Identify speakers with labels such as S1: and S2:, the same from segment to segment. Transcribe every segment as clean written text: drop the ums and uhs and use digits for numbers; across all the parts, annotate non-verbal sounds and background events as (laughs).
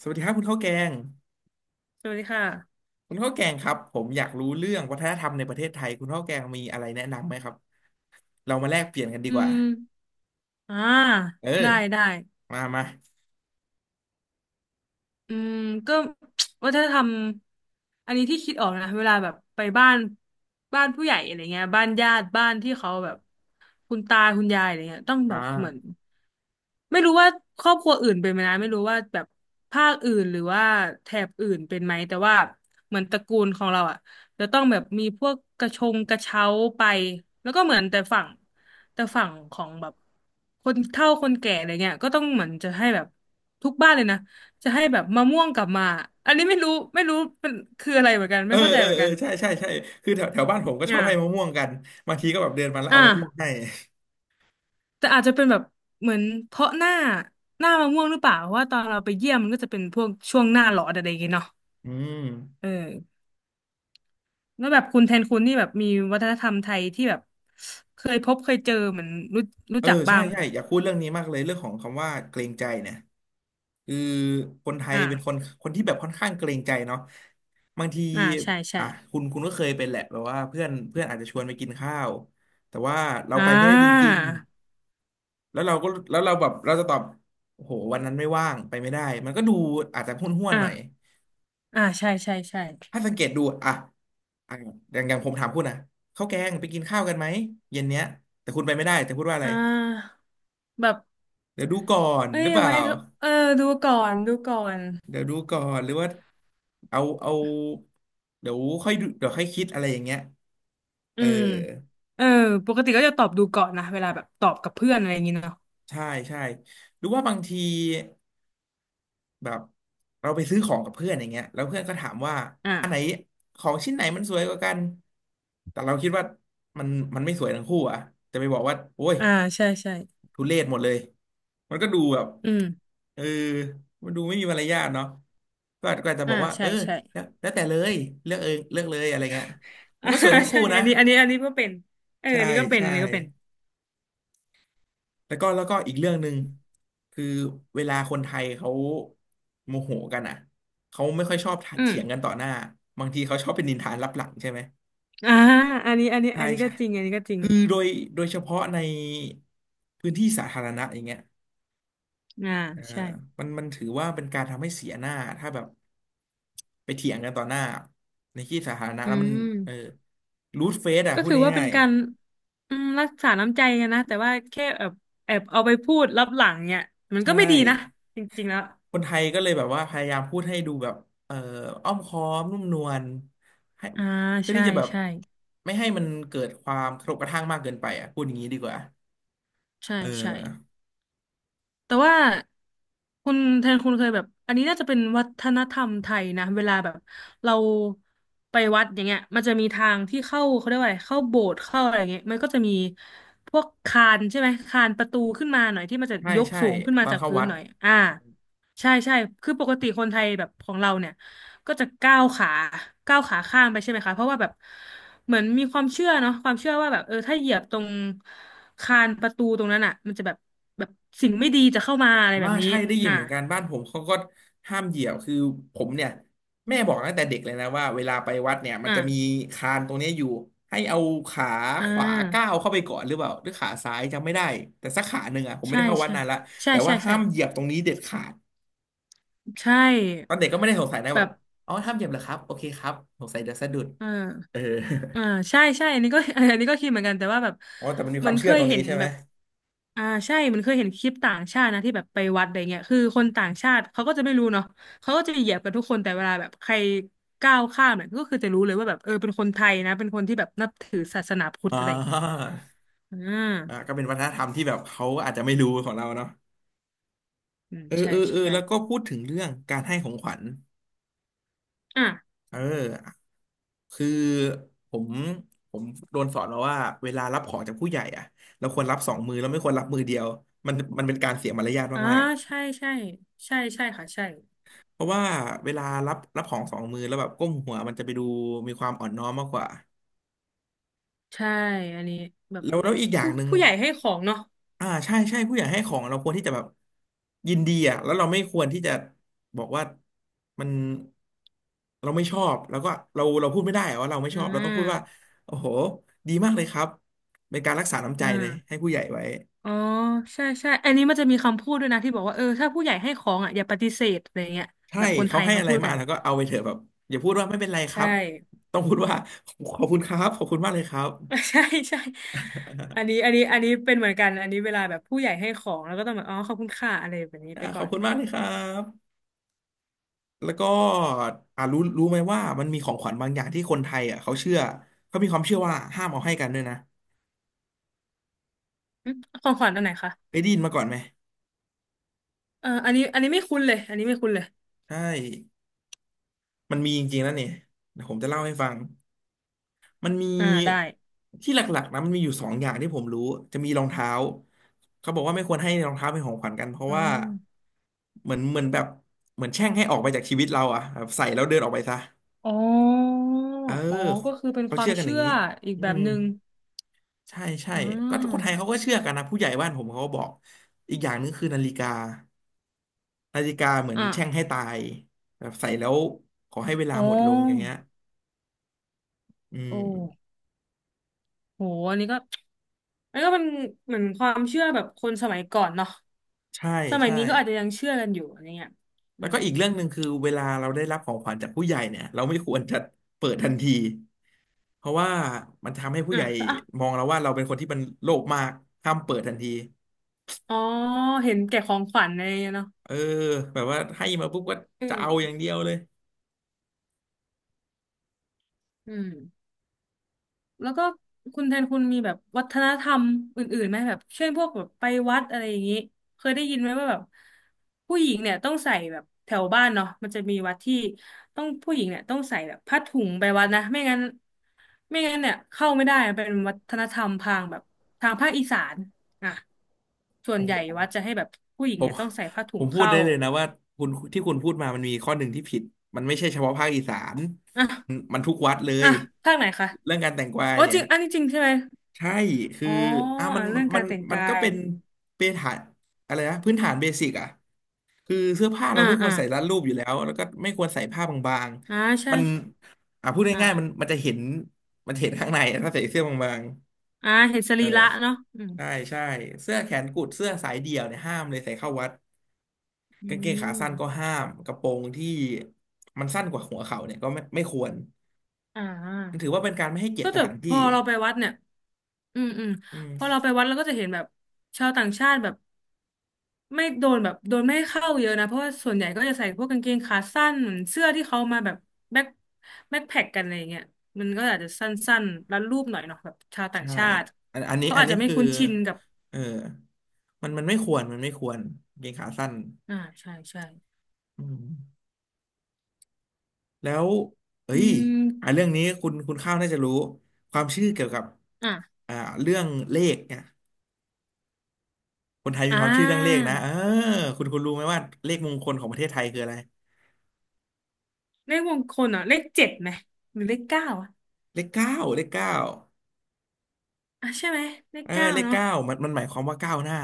S1: สวัสดีครับคุณข้าวแกง
S2: สวัสดีค่ะ
S1: คุณข้าวแกงครับผมอยากรู้เรื่องวัฒนธรรมในประเทศไทยคุณข้าวแกงมีอะไรแนะนำไหมครับเรามาแลกเปลี่ยนกันดี
S2: อื
S1: กว่า
S2: ม อ่า
S1: เอ
S2: ได้
S1: อ
S2: ได้
S1: มามา
S2: อืมก็ (tsk) วัฒนธรรมอันนี้ที่คิดออกนะเวลาแบบไปบ้านบ้านผู้ใหญ่อะไรเงี้ยบ้านญาติบ้านที่เขาแบบคุณตาคุณยายอะไรเงี้ยต้อง
S1: อ่
S2: แบบเหมือน
S1: า
S2: ไม่รู้ว่าครอบครัวอื่นเป็นไหมนะไม่รู้ว่าแบบภาคอื่นหรือว่าแถบอื่นเป็นไหมแต่ว่าเหมือนตระกูลของเราอ่ะจะต้องแบบมีพวกกระชงกระเช้าไปแล้วก็เหมือนแต่ฝั่งของแบบคนเฒ่าคนแก่อะไรเงี้ยก็ต้องเหมือนจะให้แบบทุกบ้านเลยนะ จะให้แบบมะม่วงกลับมา อันนี้ไม่รู้ไม่รู้เป็นคืออะไรเหมือนกัน
S1: เอ
S2: ไม่
S1: อ
S2: เข้าใจ
S1: เออ
S2: เหมือน
S1: เออ
S2: กัน
S1: ใช่ใช่ใช่คือแถวแถวบ้านผมก็ชอ
S2: อ่า
S1: บให้มะม่วงกันบางทีก็แบบเดินมาแล้ว
S2: อ่า
S1: เอามะม่วงให้
S2: แต่อาจจะเป็นแบบเหมือนเพราะหน้ามะม่วงหรือเปล่าเพราะว่าตอนเราไปเยี่ยมมันก็จะเป็นพวกช่วงหน้าร้อนอะไรอย่างเงี้ยเนาะ
S1: อืม
S2: เออแล้วแบบคุณแทนคุณนี่แบบมีวัฒนธรรมไทยที่แบบเคยพบเคยเจอเหมือนรู้รู้
S1: เออ
S2: จักบ้า
S1: ใช่
S2: งไหม
S1: ใช่
S2: คะ
S1: อยากพูดเรื่องนี้มากเลยเรื่องของคำว่าเกรงใจเนี่ยคือคนไทย
S2: อ่า
S1: เป็นคนที่แบบค่อนข้างเกรงใจเนาะ บางที
S2: อ่าใช่ใช่
S1: อ่ะคุณก็เคยเป็นแหละแบบว่าเพื่อนเพื่อนอาจจะชวนไปกินข้าวแต่ว่าเรา
S2: อ่
S1: ไปไม่ได้จ
S2: า
S1: ริงๆแล้วเราก็แล้วเราแบบเราจะตอบโอ้โหวันนั้นไม่ว่างไปไม่ได้มันก็ดูอาจจะห้วน
S2: อ่า
S1: ๆหน่อย
S2: อ่าใช่ใช่ใช่
S1: ถ้าสังเกตดูอ่ะอ่ะอย่างผมถามคุณนะข้าวแกงไปกินข้าวกันไหมเย็นเนี้ยแต่คุณไปไม่ได้แต่พูดว่าอะไร
S2: อ่าแบบ
S1: เดี๋ยวดูก่อน
S2: เอ้
S1: หรื
S2: ย
S1: อเปล่า
S2: ไว้เออดูก่อนดูก่อน
S1: เดี๋ยวดูก่อนหรือว่าเอาเดี๋ยวค่อยดูเดี๋ยวค่อยคิดอะไรอย่างเงี้ย
S2: อื
S1: เออ
S2: มเออปกติก็จะตอบดูก่อนนะเวลาแบบตอบกับเพื่อนอะไรอย่างงี้เนาะ
S1: ใช่ใช่หรือว่าบางทีแบบเราไปซื้อของกับเพื่อนอย่างเงี้ยแล้วเพื่อนก็ถามว่าอันไหน
S2: อ่า
S1: ของชิ้นไหนมันสวยกว่ากันแต่เราคิดว่ามันมันไม่สวยทั้งคู่อ่ะจะไปบอกว่าโอ้ย
S2: อ่าใช่ใช่
S1: ทุเรศหมดเลยมันก็ดูแบบ
S2: อืม
S1: เออมันดูไม่มีมารยาทเนาะก็อาจจะ
S2: อ่า
S1: บอกว่าเอ
S2: ใช่
S1: อ
S2: ใช่
S1: แล้วแต่เลยเลือกเองเลือกเลยอะไรเงี้ยมั
S2: อ่า
S1: นก็สวยทั้ง
S2: (laughs) ใช่
S1: คู่นะ
S2: อันนี้อันนี้อันนี้ก็เป็นเอออั
S1: ใช่
S2: นนี้ก็เป็น
S1: ใช่
S2: อันนี้ก็เป็น
S1: แล้วก็อีกเรื่องหนึ่งคือเวลาคนไทยเขาโมโหกันอ่ะเขาไม่ค่อยชอบ
S2: อืม
S1: เถียงกันต่อหน้าบางทีเขาชอบเป็นนินทานลับหลังใช่ไหม
S2: อ่าอันนี้อันนี้
S1: ใช่
S2: อันนี้ก็
S1: ใช่
S2: จริงอันนี้ก็จริง
S1: คือโดยเฉพาะในพื้นที่สาธารณะอย่างเงี้ย
S2: อ่า
S1: เออ
S2: ใช่
S1: มันถือว่าเป็นการทำให้เสียหน้าถ้าแบบไปเถียงกันต่อหน้าในที่สาธารณะ
S2: อื
S1: แล้วมันเออ
S2: ม
S1: รูดเฟซอ่ะ
S2: ก็
S1: พูด
S2: ถือว่าเป็
S1: ง่า
S2: น
S1: ย
S2: การอืมรักษาน้ำใจกันนะแต่ว่าแค่แอบเอาไปพูดลับหลังเนี่ยมั
S1: ๆ
S2: น
S1: ใช
S2: ก็ไม่ดีนะ
S1: ่
S2: จริงๆแล้ว
S1: คนไทยก็เลยแบบว่าพยายามพูดให้ดูแบบเอ่ออ้อมค้อมนุ่มนวลให้
S2: อ่า
S1: เพื่อ
S2: ใช่
S1: ที่จะแบบ
S2: ใช่
S1: ไม่ให้มันเกิดความกระทบกระทั่งมากเกินไปอ่ะพูดอย่างนี้ดีกว่า
S2: ใช่
S1: เออ
S2: ใช่ แต่ว่าคุณแทนคุณเคยแบบอันนี้น่าจะเป็นวัฒนธรรมไทยนะเวลาแบบเราไปวัดอย่างเงี้ยมันจะมีทางที่เข้าเขาเรียกว่าอะไรเข้าโบสถ์เข้าอะไรอย่างเงี้ยมันก็จะมีพวกคานใช่ไหมคานประตูขึ้นมาหน่อยที่มันจะ
S1: ใช่
S2: ยก
S1: ใช่
S2: สูงขึ้น
S1: ต
S2: มา
S1: อน
S2: จาก
S1: เข้า
S2: พื้น
S1: วัด
S2: หน่อยอ่า ใช่ใช่คือปกติคนไทยแบบของเราเนี่ยก็จะก้าวขาก้าวขาข้ามไปใช่ไหมคะเพราะว่าแบบเหมือนมีความเชื่อเนาะความเชื่อว่าแบบเออถ้าเหยียบตรงคานประตูตรงนั้นอ่ะมันจะแบบแบบสิ่งไม่ดีจะเข้ามาอะไรแบ
S1: ว่า
S2: บนี้
S1: ใช่ได้ยิน
S2: อ่า
S1: เหมือนกันบ้านผมเขาก็ห้ามเหยียวคือผมเนี่ยแม่บอกตั้งแต่เด็กเลยนะว่าเวลาไปวัดเนี่ยมัน
S2: อ่า
S1: จะมีคานตรงเนี้ยอยู่ให้เอาขา
S2: อ่
S1: ขวาก้าว
S2: า
S1: เข้าไปก่อนหรือเปล่าหรือขาซ้ายจำไม่ได้แต่สักขาหนึ่งอ่ะผมไม่
S2: ใช่
S1: ได้เข้าวัด
S2: ใช่
S1: นานละ
S2: ใช่
S1: แต่
S2: ใช่
S1: ว่าห้า
S2: ใช่
S1: มเหยียบตรงนี้เด็ดขาด
S2: ใช่
S1: ตอนเด็กก็ไม่ได้สงสัยนะแบบ
S2: แบบ
S1: อ๋อห้ามเหยียบเหรอครับโอเคครับสงสัยเดียวสะดุด
S2: อ่า
S1: เออ
S2: อ่าใช่ใช่อันนี้ก็ (laughs) อันนี้ก็คิดเหมือนกันแต่ว่าแบบ
S1: (laughs) อ๋อแต่มันมี
S2: เห
S1: ค
S2: มือ
S1: วาม
S2: นเค
S1: เชื่อต
S2: ย
S1: รง
S2: เห็
S1: นี้
S2: น
S1: ใช่ไหม
S2: แบบอ่าใช่เหมันเคยเห็นคลิปต่างชาตินะที่แบบไปวัดอะไรเงี้ยคือคนต่างชาติเขาก็จะไม่รู้เนาะเขาก็จะเหยียบกันทุกคนแต่เวลาแบบใครก้าวข้ามเนี่ยก็คือจะรู้เลยว่าแบบเออเป็นคนไทยนะเป็นคนที่แบบนับถือศาสนาพุทธ
S1: อ่
S2: อะไรเงี้ย
S1: า
S2: อ่า
S1: ก็เป็นวัฒนธรรมที่แบบเขาอาจจะไม่รู้ของเราเนาะ
S2: อืม
S1: เออ
S2: ใช่
S1: เออเออ
S2: ใช่
S1: แล้วก็พูดถึงเรื่องการให้ของขวัญ
S2: อ่า
S1: เออคือผมผมโดนสอนมาว่าเวลารับของจากผู้ใหญ่อะเราควรรับสองมือเราไม่ควรรับมือเดียวมันเป็นการเสียมารยาท
S2: อ่า
S1: มาก
S2: ใช่ใช่ใช่ใช่ค่ะใช่
S1: ๆเพราะว่าเวลารับของสองมือแล้วแบบก้มหัวมันจะไปดูมีความอ่อนน้อมมากกว่า
S2: ใช่อันนี้แบบ
S1: แล้วอีกอย่า
S2: ผู้
S1: งหนึ่ง
S2: ผู้ใหญ่ให้ของเนาะ
S1: อ่าใช่ใช่ผู้ใหญ่ให้ของเราควรที่จะแบบยินดีอ่ะแล้วเราไม่ควรที่จะบอกว่ามันเราไม่ชอบแล้วก็เราพูดไม่ได้อะว่าเราไม่
S2: อ่
S1: ชอบเราต้องพูดว่า
S2: า
S1: โอ้โหดีมากเลยครับเป็นการรักษาน้ำใจ
S2: อ่
S1: เลยให้
S2: า
S1: ผู้ใหญ่ไว้
S2: อ๋อใช่ใช่อันนี้มันจะมีคำพูดด้วยนะที่บอกว่าเออถ้าผู้ใหญ่ให้ของอ่ะอย่าปฏิเสธอะไรเงี้ย
S1: ใช่
S2: แบบคนไท
S1: เขา
S2: ย
S1: ให้
S2: เขา
S1: อะไร
S2: พูด
S1: มา
S2: กัน
S1: แล้วก็เอาไปเถอะแบบอย่าพูดว่าไม่เป็นไรค
S2: ใช่
S1: รับต้องพูดว่าขอบคุณครับขอบคุณมากเลยครับ
S2: (laughs) ใช่ใช่อันนี้อันนี้อันนี้เป็นเหมือนกันอันนี้เวลาแบบผู้ใหญ่ให้ของแล้วก็ต้องแบบอ๋อขอบคุณค่ะอะไรแบบนี้
S1: อ่า
S2: ไป
S1: ข
S2: ก่อ
S1: อบ
S2: น
S1: คุณมากเลยครับ แล้วก็อ่ารู้ไหมว่ามันมีของขวัญบางอย่างที่คนไทยอ่ะเขาเชื่อเขามีความเชื่อว่าห้ามเอาให้กันด้วยนะ
S2: อืมของขวัญอันไหนคะ
S1: เคยได้ยินมาก่อนไหม
S2: เอออันนี้อันนี้ไม่คุ้นเลยอันนี้ไม่คุ้นเลย
S1: ใช่มันมีจริงๆแล้วเนี่ยเดี๋ยวผมจะเล่าให้ฟังมันมี
S2: อ่าได้
S1: ที่หลักๆนะมันมีอยู่สองอย่างที่ผมรู้จะมีรองเท้าเขาบอกว่าไม่ควรให้รองเท้าเป็นของขวัญกันเพราะ
S2: อื
S1: ว่า
S2: ม
S1: เหมือนแบบเหมือนแช่งให้ออกไปจากชีวิตเราอ่ะแบบใส่แล้วเดินออกไปซะ
S2: อ๋อ
S1: เออ
S2: อ๋อก็คือเป็น
S1: เขา
S2: ควา
S1: เชื่
S2: ม
S1: อกันอย่า
S2: เชื่
S1: ง
S2: อ
S1: นี้
S2: อีก
S1: อื
S2: แบบ
S1: ม
S2: หนึ่ง
S1: ใช่ใช่
S2: อื
S1: ก็
S2: ม
S1: คนไทยเขาก็เชื่อกันนะผู้ใหญ่บ้านผมเขาก็บอกอีกอย่างหนึงคือนาฬิกาเหมือน
S2: อ่า
S1: แช่งให้ตายแบบใส่แล้วขอให้เวลา
S2: อ๋
S1: หมดลงอย่าง
S2: อ
S1: เงี้ยอื
S2: โอ้
S1: ม
S2: โหอันนี้ก็อันนี้ก็เป็นเหมือนความเชื่อแบบคนสมัยก่อนเนาะ
S1: ใช่
S2: สมัย
S1: ใช่
S2: นี้ก็อาจจะยังเชื่อกันอยู่อะไรเงี้ยอื
S1: แล้ว
S2: ม
S1: ก็อีกเรื่องหนึ่งคือเวลาเราได้รับของขวัญจากผู้ใหญ่เนี่ยเราไม่ควรจะเปิดทันทีเพราะว่ามันทำให้ผู้
S2: อ่ะ
S1: ใหญ่
S2: อ่ะ
S1: มองเราว่าเราเป็นคนที่มันโลภมากห้ามเปิดทันที
S2: อ๋อเห็นแก่ของขวัญอะไรเงี้ยเนาะ
S1: เออแบบว่าให้มาปุ๊บก็
S2: อื
S1: จะเอาอย่าง
S2: ม
S1: เดียวเลย
S2: อืม แล้วก็คุณแทนคุณมีแบบวัฒนธรรมอื่นๆไหมแบบเช่นพวกแบบไปวัดอะไรอย่างนี้เคยได้ยินไหมว่าแบบผู้หญิงเนี่ยต้องใส่แบบแถวบ้านเนาะมันจะมีวัดที่ต้องผู้หญิงเนี่ยต้องใส่แบบผ้าถุงไปวัดนะไม่งั้นเนี่ยเข้าไม่ได้เป็นวัฒนธรรมทางแบบทางภาคอีสานอ่ะส่วน
S1: โอ้
S2: ใหญ่
S1: โห
S2: วัดจะให้แบบผู้หญิง
S1: ผม
S2: เนี่ยต้องใส่ผ้าถุ
S1: ผ
S2: ง
S1: มพูด
S2: เข้า
S1: ได้เลยนะว่าคุณที่คุณพูดมามันมีข้อหนึ่งที่ผิดมันไม่ใช่เฉพาะภาคอีสานมัน
S2: อ่ะ
S1: มันทุกวัดเล
S2: อ่ะ
S1: ย
S2: ภาคไหนคะ
S1: เรื่องการแต่งกวาย
S2: อ๋อ
S1: เนี่
S2: จ
S1: ย
S2: ริงอันนี้จริงใช่ไหม
S1: ใช่คือ
S2: อ๋อ
S1: อ่ะ
S2: อ่ะเรื่อง
S1: มั
S2: การ
S1: น
S2: แต่ง
S1: มัน
S2: กา
S1: ก็
S2: ย
S1: เป็นเบฐานอะไรนะพื้นฐานเบสิกอ่ะคือเสื้อผ้าเรา
S2: อ่า
S1: ไม่คว
S2: อ่า
S1: รใส่รัดรูปอยู่แล้วแล้วก็ไม่ควรใส่ผ้าบาง
S2: อ่า
S1: ๆ
S2: ใช่
S1: มันอ่ะพูดง่ายๆมัน
S2: อ่า
S1: มันจะเห็นมันเห็นข้างในอะถ้าใส่เสื้อบาง
S2: อ่าเห็นส
S1: ๆเอ
S2: รี
S1: อ
S2: ระเนาะอืม
S1: ใช่ใช่เสื้อแขนกุดเสื้อสายเดี่ยวเนี่ยห้ามเลยใส่เข้าวัด
S2: อื
S1: กางเกงขา
S2: ม
S1: สั้นก็ห้ามกระโปรงที่มันสั้นกว่าหัวเข่าเนี่ยก็ไม่ควร
S2: อ่
S1: มัน
S2: า
S1: ถือว่าเป็นการไม่ให้เกียร
S2: ก็
S1: ติส
S2: จะ
S1: ถาน
S2: พ
S1: ที่
S2: อเราไปวัดเนี่ยอืมอืม
S1: อื
S2: พอเรา
S1: ม
S2: ไปวัดเราก็จะเห็นแบบชาวต่างชาติแบบไม่โดนแบบโดนไม่ให้เข้าเยอะนะเพราะว่าส่วนใหญ่ก็จะใส่พวกกางเกงขาสั้นเหมือนเสื้อที่เขามาแบบแบ็คแบ็คแพ็คกันอะไรอย่างเงี้ยมันก็อาจจะสั้นๆรัดรูปหน่อยเนาะแบบชาวต่าง
S1: ใช่
S2: ชาติ
S1: อันอันนี้
S2: เขา
S1: อัน
S2: อาจ
S1: นี้
S2: จะไม่
S1: คือ
S2: คุ้นชินกับ
S1: เออมันไม่ควรกางเกงขาสั้น
S2: อ่าใช่ใช่
S1: อืมแล้วเอ้
S2: อื
S1: ยอ่ะ
S2: ม
S1: เรื่องนี้คุณข้าวน่าจะรู้ความเชื่อเกี่ยวกับ
S2: อ่ะ
S1: อ่าเรื่องเลขเนี่ยคนไทยมี
S2: อ่
S1: ความเชื่อเรื่องเลข
S2: า
S1: นะเออคุณรู้ไหมว่าเลขมงคลของประเทศไทยคืออะไร
S2: เลขมงคลเอ่ะเลขเจ็ดไหมหรือเลขเก้าอ่ะ
S1: เลขเก้าเลขเก้า
S2: อ่ะใช่ไหมเลข
S1: เออ
S2: เก้า
S1: เลข
S2: เนาะ
S1: เก้ามันหมายความว่าก้าวหน้า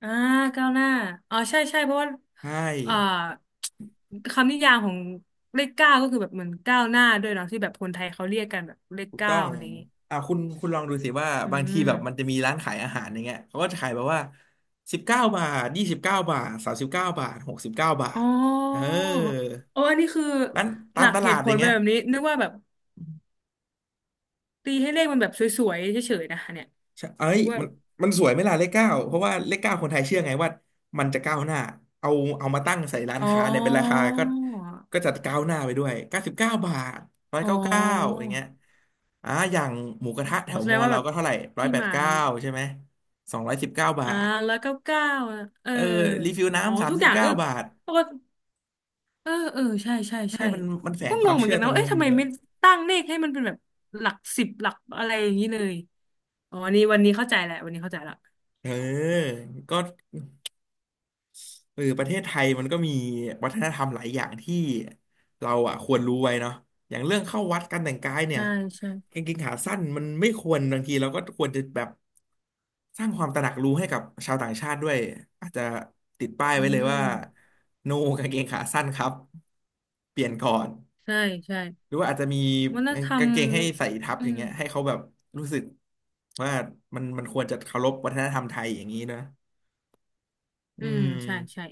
S2: อ่าเก้าวหน้าอ๋อใช่ใช่เพราะว่า
S1: ใช
S2: อ่า
S1: ่
S2: คำนิยามของเลขเก้าก็คือแบบเหมือนก้าวหน้าด้วยเนาะที่แบบคนไทยเขาเรียกกันแบบเลข
S1: ถูก
S2: เก้า
S1: ต้อง
S2: อะไรอย่างงี้
S1: อ่าคุณลองดูสิว่า
S2: อื
S1: บางทีแบบมันจะ
S2: ม
S1: มีร้านขายอาหารอย่างเงี้ยเขาก็จะขายแบบว่าสิบเก้าบาท29 บาทสามสิบเก้าบาทหกสิบเก้าบา
S2: อ๋
S1: ท
S2: อ
S1: เออ
S2: โออันนี้คือ
S1: ร้าน
S2: ห
S1: ตา
S2: ลั
S1: ม
S2: ก
S1: ต
S2: เห
S1: ลาด
S2: ตุผ
S1: อ
S2: ล
S1: ย่าง
S2: เป็
S1: เงี้
S2: น
S1: ย
S2: แบบนี้นึกว่าแบบตีให้เลขมันแบบสวยๆเฉยๆนะเนี่ย
S1: ใช่เอ้
S2: นึ
S1: ย
S2: กว่าแบ
S1: มัน
S2: บ
S1: มันสวยไหมล่ะเลขเก้าเพราะว่าเลขเก้าคนไทยเชื่อไงว่า มันจะก้าวหน้า เอาเอามาตั้งใส่ร้าน
S2: อ๋อ
S1: ค้าเนี่ยเป็นราคาก็จะก้าวหน้าไปด้วย99 บาทร้อย
S2: อ๋อ
S1: เก้าเก้าอย่างเงี้ยอ่าอย่างหมูกระทะแถ
S2: อ๋อ
S1: ว
S2: แส
S1: ม
S2: ด
S1: อ
S2: งว่า
S1: เรา
S2: แบบ
S1: ก็เท่าไหร่ร้อย
S2: ที่
S1: แปด
S2: มา
S1: เก้า
S2: มี
S1: ใช่ไหมสองร้อยสิบเก้าบา
S2: อ่า
S1: ท
S2: แล้วเก้าเก้าเออ
S1: เออรีฟิล
S2: อ๋อ
S1: น้ำสาม
S2: ทุก
S1: สิ
S2: อ
S1: บ
S2: ย่างเอ
S1: เก้า
S2: อ
S1: บาท
S2: ปกติเออเออใช่ใช่
S1: ให้
S2: ใช่
S1: มันแฝ
S2: ก็
S1: งค
S2: ง
S1: วาม
S2: งเหมือน
S1: เชื่อ
S2: กัน
S1: ตร
S2: นะ
S1: ง
S2: ว่า
S1: นี้
S2: เอ๊ะ
S1: ไว้
S2: ทำไม
S1: เยอะ
S2: ไม่ตั้งเลขให้มันเป็นแบบหลักสิบหลักอะไรอย่างนี้เลยอ๋อวันนี้วันนี้เข้าใจแหละวันนี้เข้าใจละ
S1: เออก็ เออประเทศไทยมันก็มีวัฒนธรรมหลายอย่างที่เราอ่ะควรรู้ไว้เนาะอย่างเรื่องเข้าวัดการแต่งกายเนี่ย
S2: ใช่ใช่
S1: กางเกงขาสั้นมันไม่ควรบางทีเราก็ควรจะแบบสร้างความตระหนักรู้ให้กับชาวต่างชาติด้วยอาจจะติดป้าย
S2: อื
S1: ไว้เลย
S2: ม
S1: ว่า no กางเกงขาสั้นครับเปลี่ยนก่อน
S2: ใช่ใช่
S1: หรือว่าอาจจะมี
S2: วัฒนธรร
S1: กา
S2: ม
S1: งเกงให้ใส่ทับ
S2: อื
S1: อย่าง
S2: ม
S1: เงี้ยให้เขาแบบรู้สึกว่ามันควรจะเคารพวัฒนธรรมไทยอย่างนี้นะอื
S2: อืมใช่ใช่
S1: ม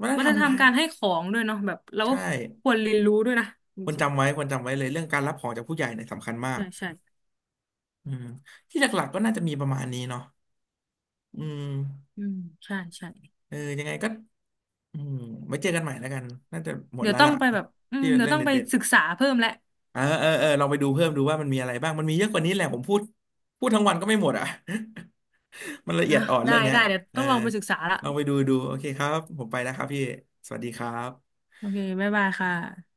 S1: วัฒน
S2: วั
S1: ธ
S2: ฒ
S1: รร
S2: น
S1: ม
S2: ธร
S1: ไท
S2: รม
S1: ย
S2: การให้ของด้วยเนาะแบบเราก็
S1: ใช่
S2: ควรเรียนรู้ด้วยนะจ
S1: ควร
S2: ริง
S1: จำไว้ควรจำไว้เลยเรื่องการรับของจากผู้ใหญ่เนี่ยสำคัญมา
S2: ๆ
S1: ก
S2: ใช่ใช่
S1: อืมที่หลักๆก็น่าจะมีประมาณนี้เนาะอืม
S2: อืมใช่ใช่
S1: เออยังไงก็อืมไว้เจอกันใหม่แล้วกันน่าจะหมด
S2: เดี๋ย
S1: แล้
S2: ว
S1: ว
S2: ต้อง
S1: ล่ะ
S2: ไปแบบอื
S1: ที่
S2: มเดี๋ย
S1: เรื่
S2: ว
S1: อง
S2: ต้องไป
S1: เด็ด
S2: ศึกษาเพิ่มแหละ
S1: ๆเออเออเออลองไปดูเพิ่มดูว่ามันมีอะไรบ้างมันมีเยอะกว่านี้แหละผมพูดทั้งวันก็ไม่หมดอ่ะ (laughs) มันละเอี
S2: อ่ะ
S1: ยดอ่อน
S2: ได้
S1: เรื่องเนี้ย
S2: ได้เดี๋ยว
S1: เอ
S2: ต้
S1: อ
S2: องลองไปศึกษาละ
S1: ลองไปดูดูโอเคครับผมไปแล้วครับพี่สวัสดีครับ
S2: โอเคบ๊ายบายค่ะ